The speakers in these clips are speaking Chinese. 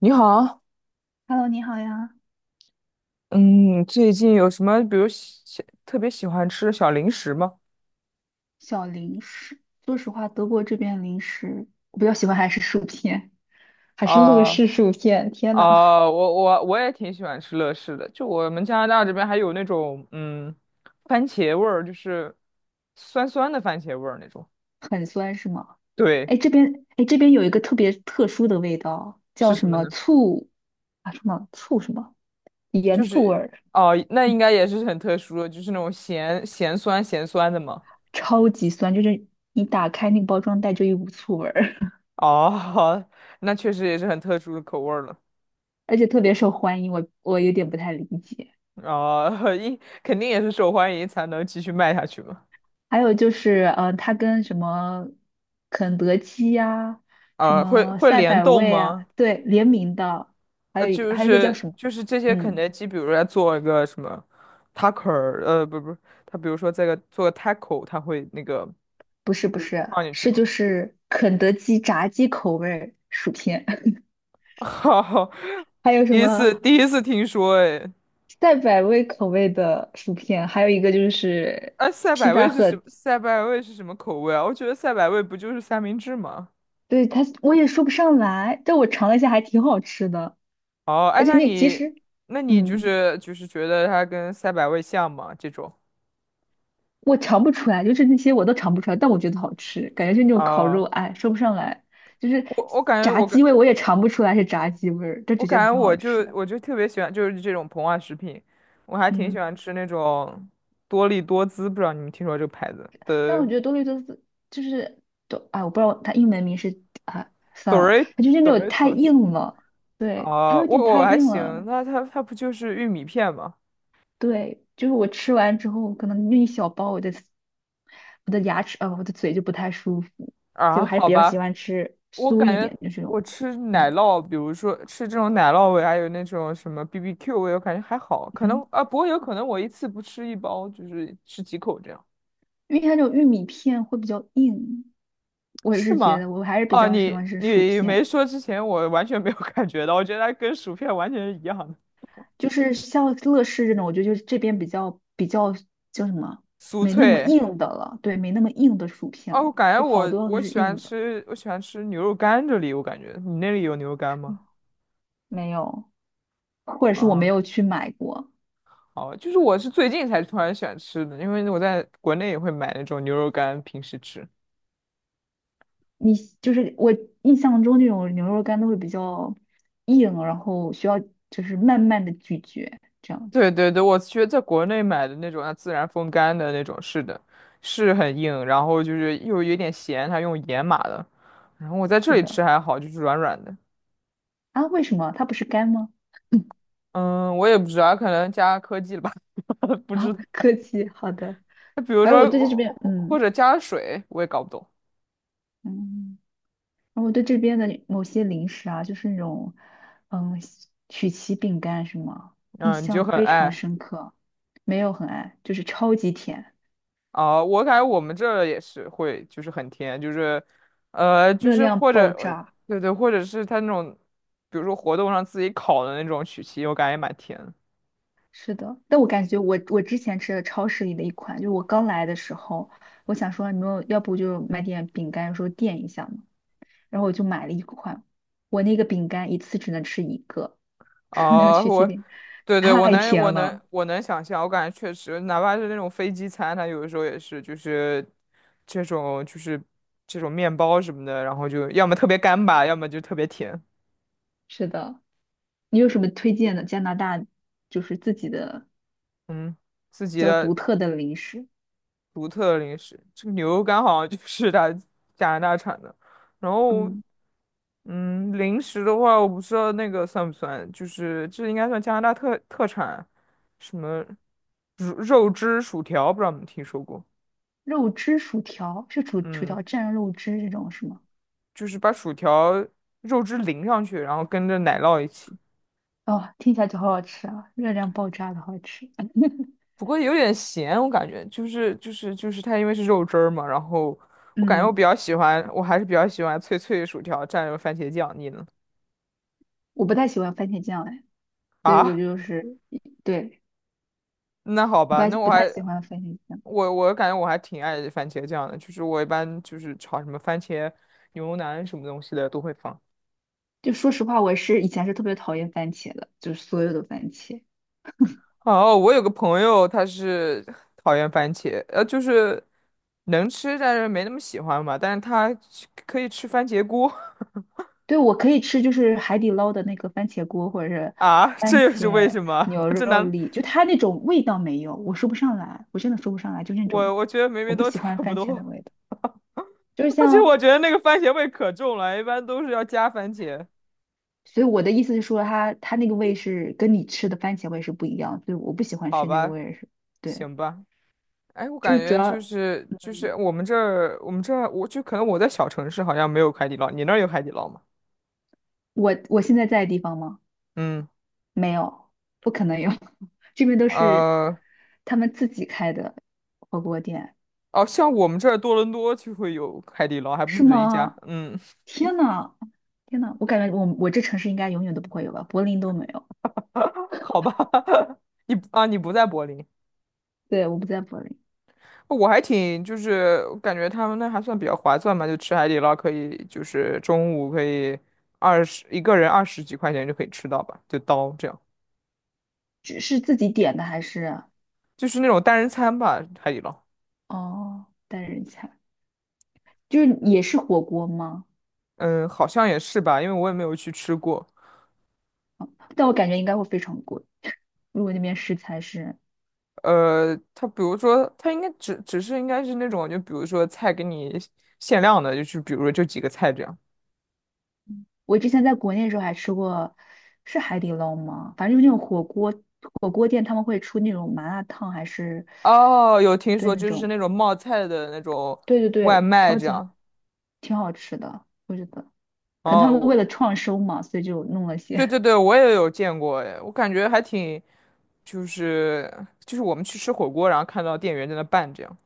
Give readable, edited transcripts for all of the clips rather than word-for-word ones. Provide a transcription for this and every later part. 你好。Hello，你好呀。嗯，最近有什么，比如特别喜欢吃的小零食吗？小零食。说实话，德国这边零食我比较喜欢还是薯片，还是乐啊、事薯片。天呐，啊、我也挺喜欢吃乐事的，就我们加拿大这边还有那种，嗯，番茄味儿，就是酸酸的番茄味儿那种。很酸是吗？对，哎，这边哎这边有一个特别特殊的味道，是叫什什么么呢？醋啊？什么醋什么盐就醋味是儿，哦、那应该也是很特殊的，就是那种咸咸酸咸酸的嘛。超级酸，就是你打开那个包装袋就一股醋味儿，哦，那确实也是很特殊的口味儿了。而且特别受欢迎。我有点不太理解。啊，一肯定也是受欢迎才能继续卖下去嘛。还有就是，它跟什么肯德基呀、什啊，会么会赛联百动味啊，吗？对，联名的，还呃，有一个就还有一个叫是什么？就是这些肯嗯，德基，比如说它做一个什么 taco,呃，不不，它比如说这个做个 taco,它会那个不是不就是是，放进去是吗？就是肯德基炸鸡口味儿薯片，哈，还有什第一么次第一次听说。哎，赛百味口味的薯片，还有一个就是哎，赛披百萨味是盒，什么？赛百味是什么口味啊？我觉得赛百味不就是三明治吗？对，它我也说不上来，但我尝了一下还挺好吃的，哦。哎，而且那那其你实，那你就嗯。是就是觉得它跟赛百味像吗？这种我尝不出来，就是那些我都尝不出来，但我觉得好吃，感觉是那种烤啊，肉，哎，说不上来，就是我我感觉炸我感。鸡味我也尝不出来是炸鸡味儿，但我只觉感得觉挺好我就吃的。我就特别喜欢就是这种膨化食品，我还挺喜嗯，欢吃那种多力多滋，不知道你们听说这个牌子但的。 我觉得多利多斯就是多，哎，我不知道它英文名是啊，算了，Dor 它就是那种太 Doritos。 硬了。对，它啊、有我点我太还硬行，了，那它不就是玉米片吗？对，就是我吃完之后，可能那一小包，我的牙齿啊，我的嘴就不太舒服，所以啊，我还是好比较吧，喜欢吃我酥感一觉点的这我种，吃奶嗯。酪，比如说吃这种奶酪味，还有那种什么 BBQ 味，我感觉还好，可能嗯，啊，不过有可能我一次不吃一包，就是吃几口这样。因为它这种玉米片会比较硬，我也是是觉吗？得我还是比哦，较喜你欢吃薯你没片，说之前，我完全没有 感觉到，我觉得它跟薯片完全是一样的，就是像乐事这种，我觉得就是这边比较叫什么，酥没那么脆。硬的了，对，没那么硬的薯片哦，我了，感觉就好我多都我是喜欢硬的。吃，我喜欢吃牛肉干这里，我感觉你那里有牛肉干吗？嗯，没有，或者是我没啊，有去买过。好，就是我是最近才突然喜欢吃的，因为我在国内也会买那种牛肉干，平时吃。你就是我印象中这种牛肉干都会比较硬，然后需要就是慢慢的咀嚼这样子。对对对，我觉得在国内买的那种，它自然风干的那种，是的，是很硬，然后就是又有点咸，它用盐码的。然后我在这是里的。吃还好，就是软软的。啊，为什么它不是干吗？嗯，我也不知道，可能加科技了吧。不啊，知道。客气，好的。比如哎，我说，对这边，或或嗯者加水，我也搞不懂。嗯，然后我对这边的某些零食啊，就是那种，嗯，曲奇饼干什么，印嗯，你就象很非常爱。深刻。没有很爱，就是超级甜，啊、我感觉我们这儿也是会，就是很甜，就是，呃，就热是量或者，爆呃炸。对对，或者是他那种，比如说活动上自己烤的那种曲奇，我感觉也蛮甜。是的，但我感觉我之前吃的超市里的一款，就是我刚来的时候，我想说你们要不就买点饼干说垫一下嘛。然后我就买了一款，我那个饼干一次只能吃一个，那个啊，曲奇我，饼对对，太甜了。我能想象，我感觉确实，哪怕是那种飞机餐，它有的时候也是，就是这种面包什么的，然后就要么特别干巴，要么就特别甜。是的，你有什么推荐的加拿大就是自己的嗯，自比己较独的特的零食？独特零食，这个牛肉干好像就是 它加拿大产的。然后，嗯，嗯，零食的话，我不知道那个算不算，就是这应该算加拿大特特产，什么肉肉汁薯条，不知道你们听说过？肉汁薯条是薯薯嗯。条蘸肉汁这种是吗？就是把薯条肉汁淋上去，然后跟着奶酪一起。哦，听起来就好好吃啊，热量爆炸的好吃。嗯，不过有点咸，我感觉就是它因为是肉汁儿嘛，然后我感觉我嗯，比较喜欢，我还是比较喜欢脆脆的薯条蘸着番茄酱。你呢？我不太喜欢番茄酱哎，所以我啊，就是对，那好不吧，太那我不还太喜欢番茄酱。我感觉我还挺爱番茄酱的，就是我一般就是炒什么番茄牛腩什么东西的都会放。就说实话，我是以前是特别讨厌番茄的，就是所有的番茄。哦，我有个朋友，他是讨厌番茄，呃，就是能吃，但是没那么喜欢吧。但是他吃可以吃番茄锅。 对，我可以吃就是海底捞的那个番茄锅，或者是 啊，这番又是为茄什么？牛 这肉难，粒，就它那种味道没有，我说不上来，我真的说不上来，就那种我我觉得明我明不都喜差欢不番茄的多。味道，就是 而且我像，觉得那个番茄味可重了，一般都是要加番茄。所以我的意思是说它，它那个味是跟你吃的番茄味是不一样，所以我不喜欢好吃那个吧，味是，对，行吧。哎，我就感是主觉要，就是就嗯，是我们这儿我们这儿我就可能我在小城市好像没有海底捞，你那儿有海底捞吗？我现在在的地方吗？嗯，没有，不可能有，这边都是呃。他们自己开的火锅店。哦，像我们这儿多伦多就会有海底捞，还不是止一家。吗？嗯，天呐，天呐，我感觉我这城市应该永远都不会有吧，柏林都没有。好吧，你啊，你不在柏林，对，我不在柏林。我还挺就是感觉他们那还算比较划算嘛，就吃海底捞可以，就是中午可以二十一个人二十几块钱就可以吃到吧，就刀这样，只是自己点的还是就是那种单人餐吧，海底捞。哦单人餐，就是也是火锅吗？嗯，好像也是吧，因为我也没有去吃过。但我感觉应该会非常贵，如果那边食材是，呃，它比如说，它应该只是应该是那种，就比如说菜给你限量的，就是比如说就几个菜这样。我之前在国内的时候还吃过，是海底捞吗？反正就是那种火锅店，他们会出那种麻辣烫，还是哦，有听对说，那就是种，那种冒菜的那种对对外对，卖超这级好，样。挺好吃的，我觉得。可能他哦，们为了我创收嘛，所以就弄了对些，对对，我也有见过，哎，我感觉还挺，就是就是我们去吃火锅，然后看到店员在那拌这样，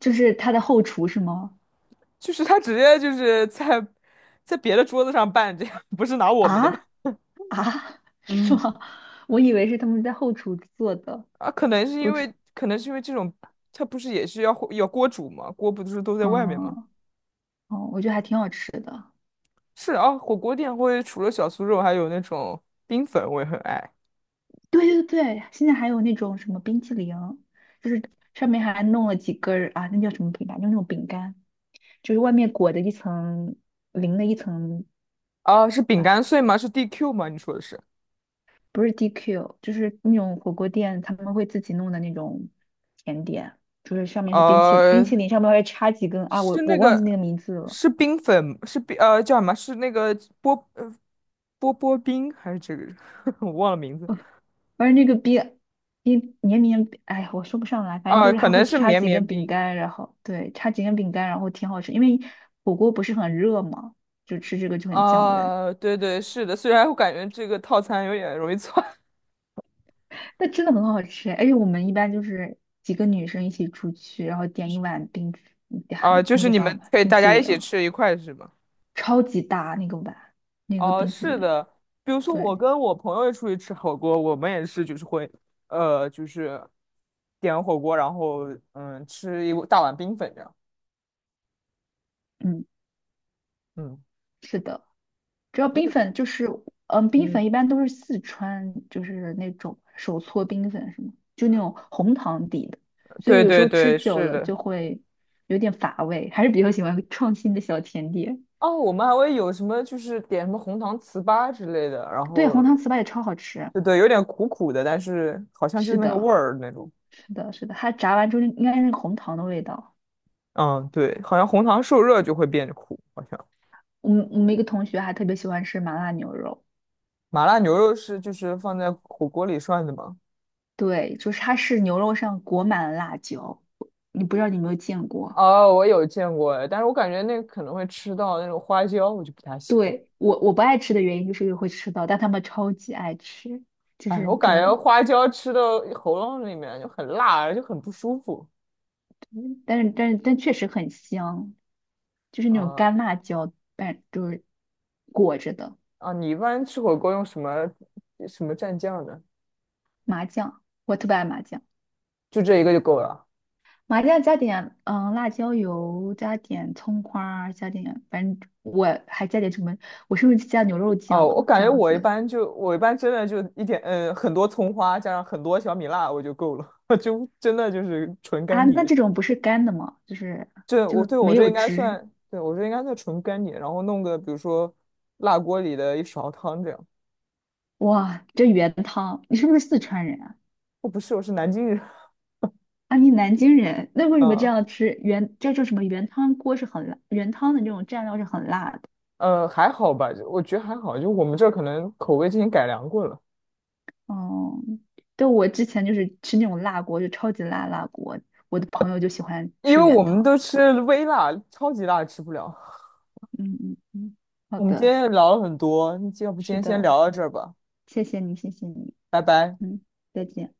就是他的后厨是吗？就是他直接就是在在别的桌子上拌这样，不是拿我们的吧？啊啊，是嗯，吗？我以为是他们在后厨做的。啊，可能是我因为只可能是因为这种，它不是也是要火要锅煮吗？锅不是都在外面吗？嗯，哦，我觉得还挺好吃的。是啊，火锅店会除了小酥肉，还有那种冰粉，我也很爱。对对对，现在还有那种什么冰淇淋，就是上面还弄了几根儿啊，那叫什么饼干？就那种饼干，就是外面裹着一层淋了一层啊，是饼干碎啊，吗？是 DQ 吗？你说的是？不是 DQ，就是那种火锅店他们会自己弄的那种甜点，就是上面是冰淇冰呃，淇淋，上面会插几根啊，是我那忘记那个个，名字了，是冰粉，是冰，呃，叫什么？是那个波，呃，波波冰还是这个？我忘了名字。哦反正那个冰冰绵绵，哎呀，我说不上来，反正啊，就是可它能会是插绵几绵根饼冰。干，然后对，插几根饼干，然后挺好吃，因为火锅不是很热嘛，就吃这个就很降温，啊，对对，是的。虽然我感觉这个套餐有点容易错。但真的很好吃，而且我们一般就是几个女生一起出去，然后点一碗冰，嗯 还啊，就那是个你啥们可以冰大淇家一淋。起吃一块是吗？超级大那个碗，那个哦，冰淇是淋。的，比如说我对，跟我朋友出去吃火锅，我们也是就是会，呃，就是点火锅，然后嗯，吃一大碗冰粉这样。嗯，嗯是的，主要冰粉就是，嗯，冰嗯，粉一般都是四川，就是那种手搓冰粉什么，就那种红糖底的，所以对有时对候吃对，久是了的。就会有点乏味，还是比较喜欢创新的小甜点。哦，我们还会有什么就是点什么红糖糍粑之类的，然对，红后糖糍粑也超好吃。对对，有点苦苦的，但是好像就是是那个味的，儿那种。是的，是的，它炸完之后应该是红糖的味道。嗯，对，好像红糖受热就会变苦，好像我们一个同学还特别喜欢吃麻辣牛肉。麻辣牛肉是就是放在火锅里涮的吗？对，就是它是牛肉上裹满了辣椒，你不知道你有没有见过？哦，我有见过，但是我感觉那个可能会吃到那种花椒，我就不太喜欢。对，我不爱吃的原因就是因为会吃到，但他们超级爱吃，就哎，是我可感觉能，花椒吃到喉咙里面就很辣，就很不舒服。但确实很香，就是那种啊干辣椒，但就是裹着的啊，你一般吃火锅用什么什么蘸酱呢？麻酱，我特别爱麻酱，就这一个就够了。麻酱加点嗯辣椒油，加点葱花儿加点反正我还加点什么，我是不是加牛肉哦，酱我啊感这觉样我一子？般就我一般真的就一点，嗯，很多葱花加上很多小米辣我就够了，就真的就是纯干啊，碟。那这种不是干的吗？就是这就我是对我没这有应该汁。算，对我这应该算纯干碟，然后弄个比如说辣锅里的一勺汤这样。哇，这原汤，你是不是四川人啊？我不是，我是南京人。啊，你南京人，那为什么这嗯样吃原这叫什么原汤锅是很辣，原汤的那种蘸料是很辣的。呃，还好吧，就我觉得还好，就我们这儿可能口味之前改良过了，哦、对，我之前就是吃那种辣锅，就超级辣辣锅，我的朋友就喜欢因吃为我原们汤。都吃微辣，超级辣吃不了。嗯嗯嗯，好我们今的，天也聊了很多，要不今是天先的，聊到这儿吧，谢谢你，谢谢你，拜拜。嗯，再见。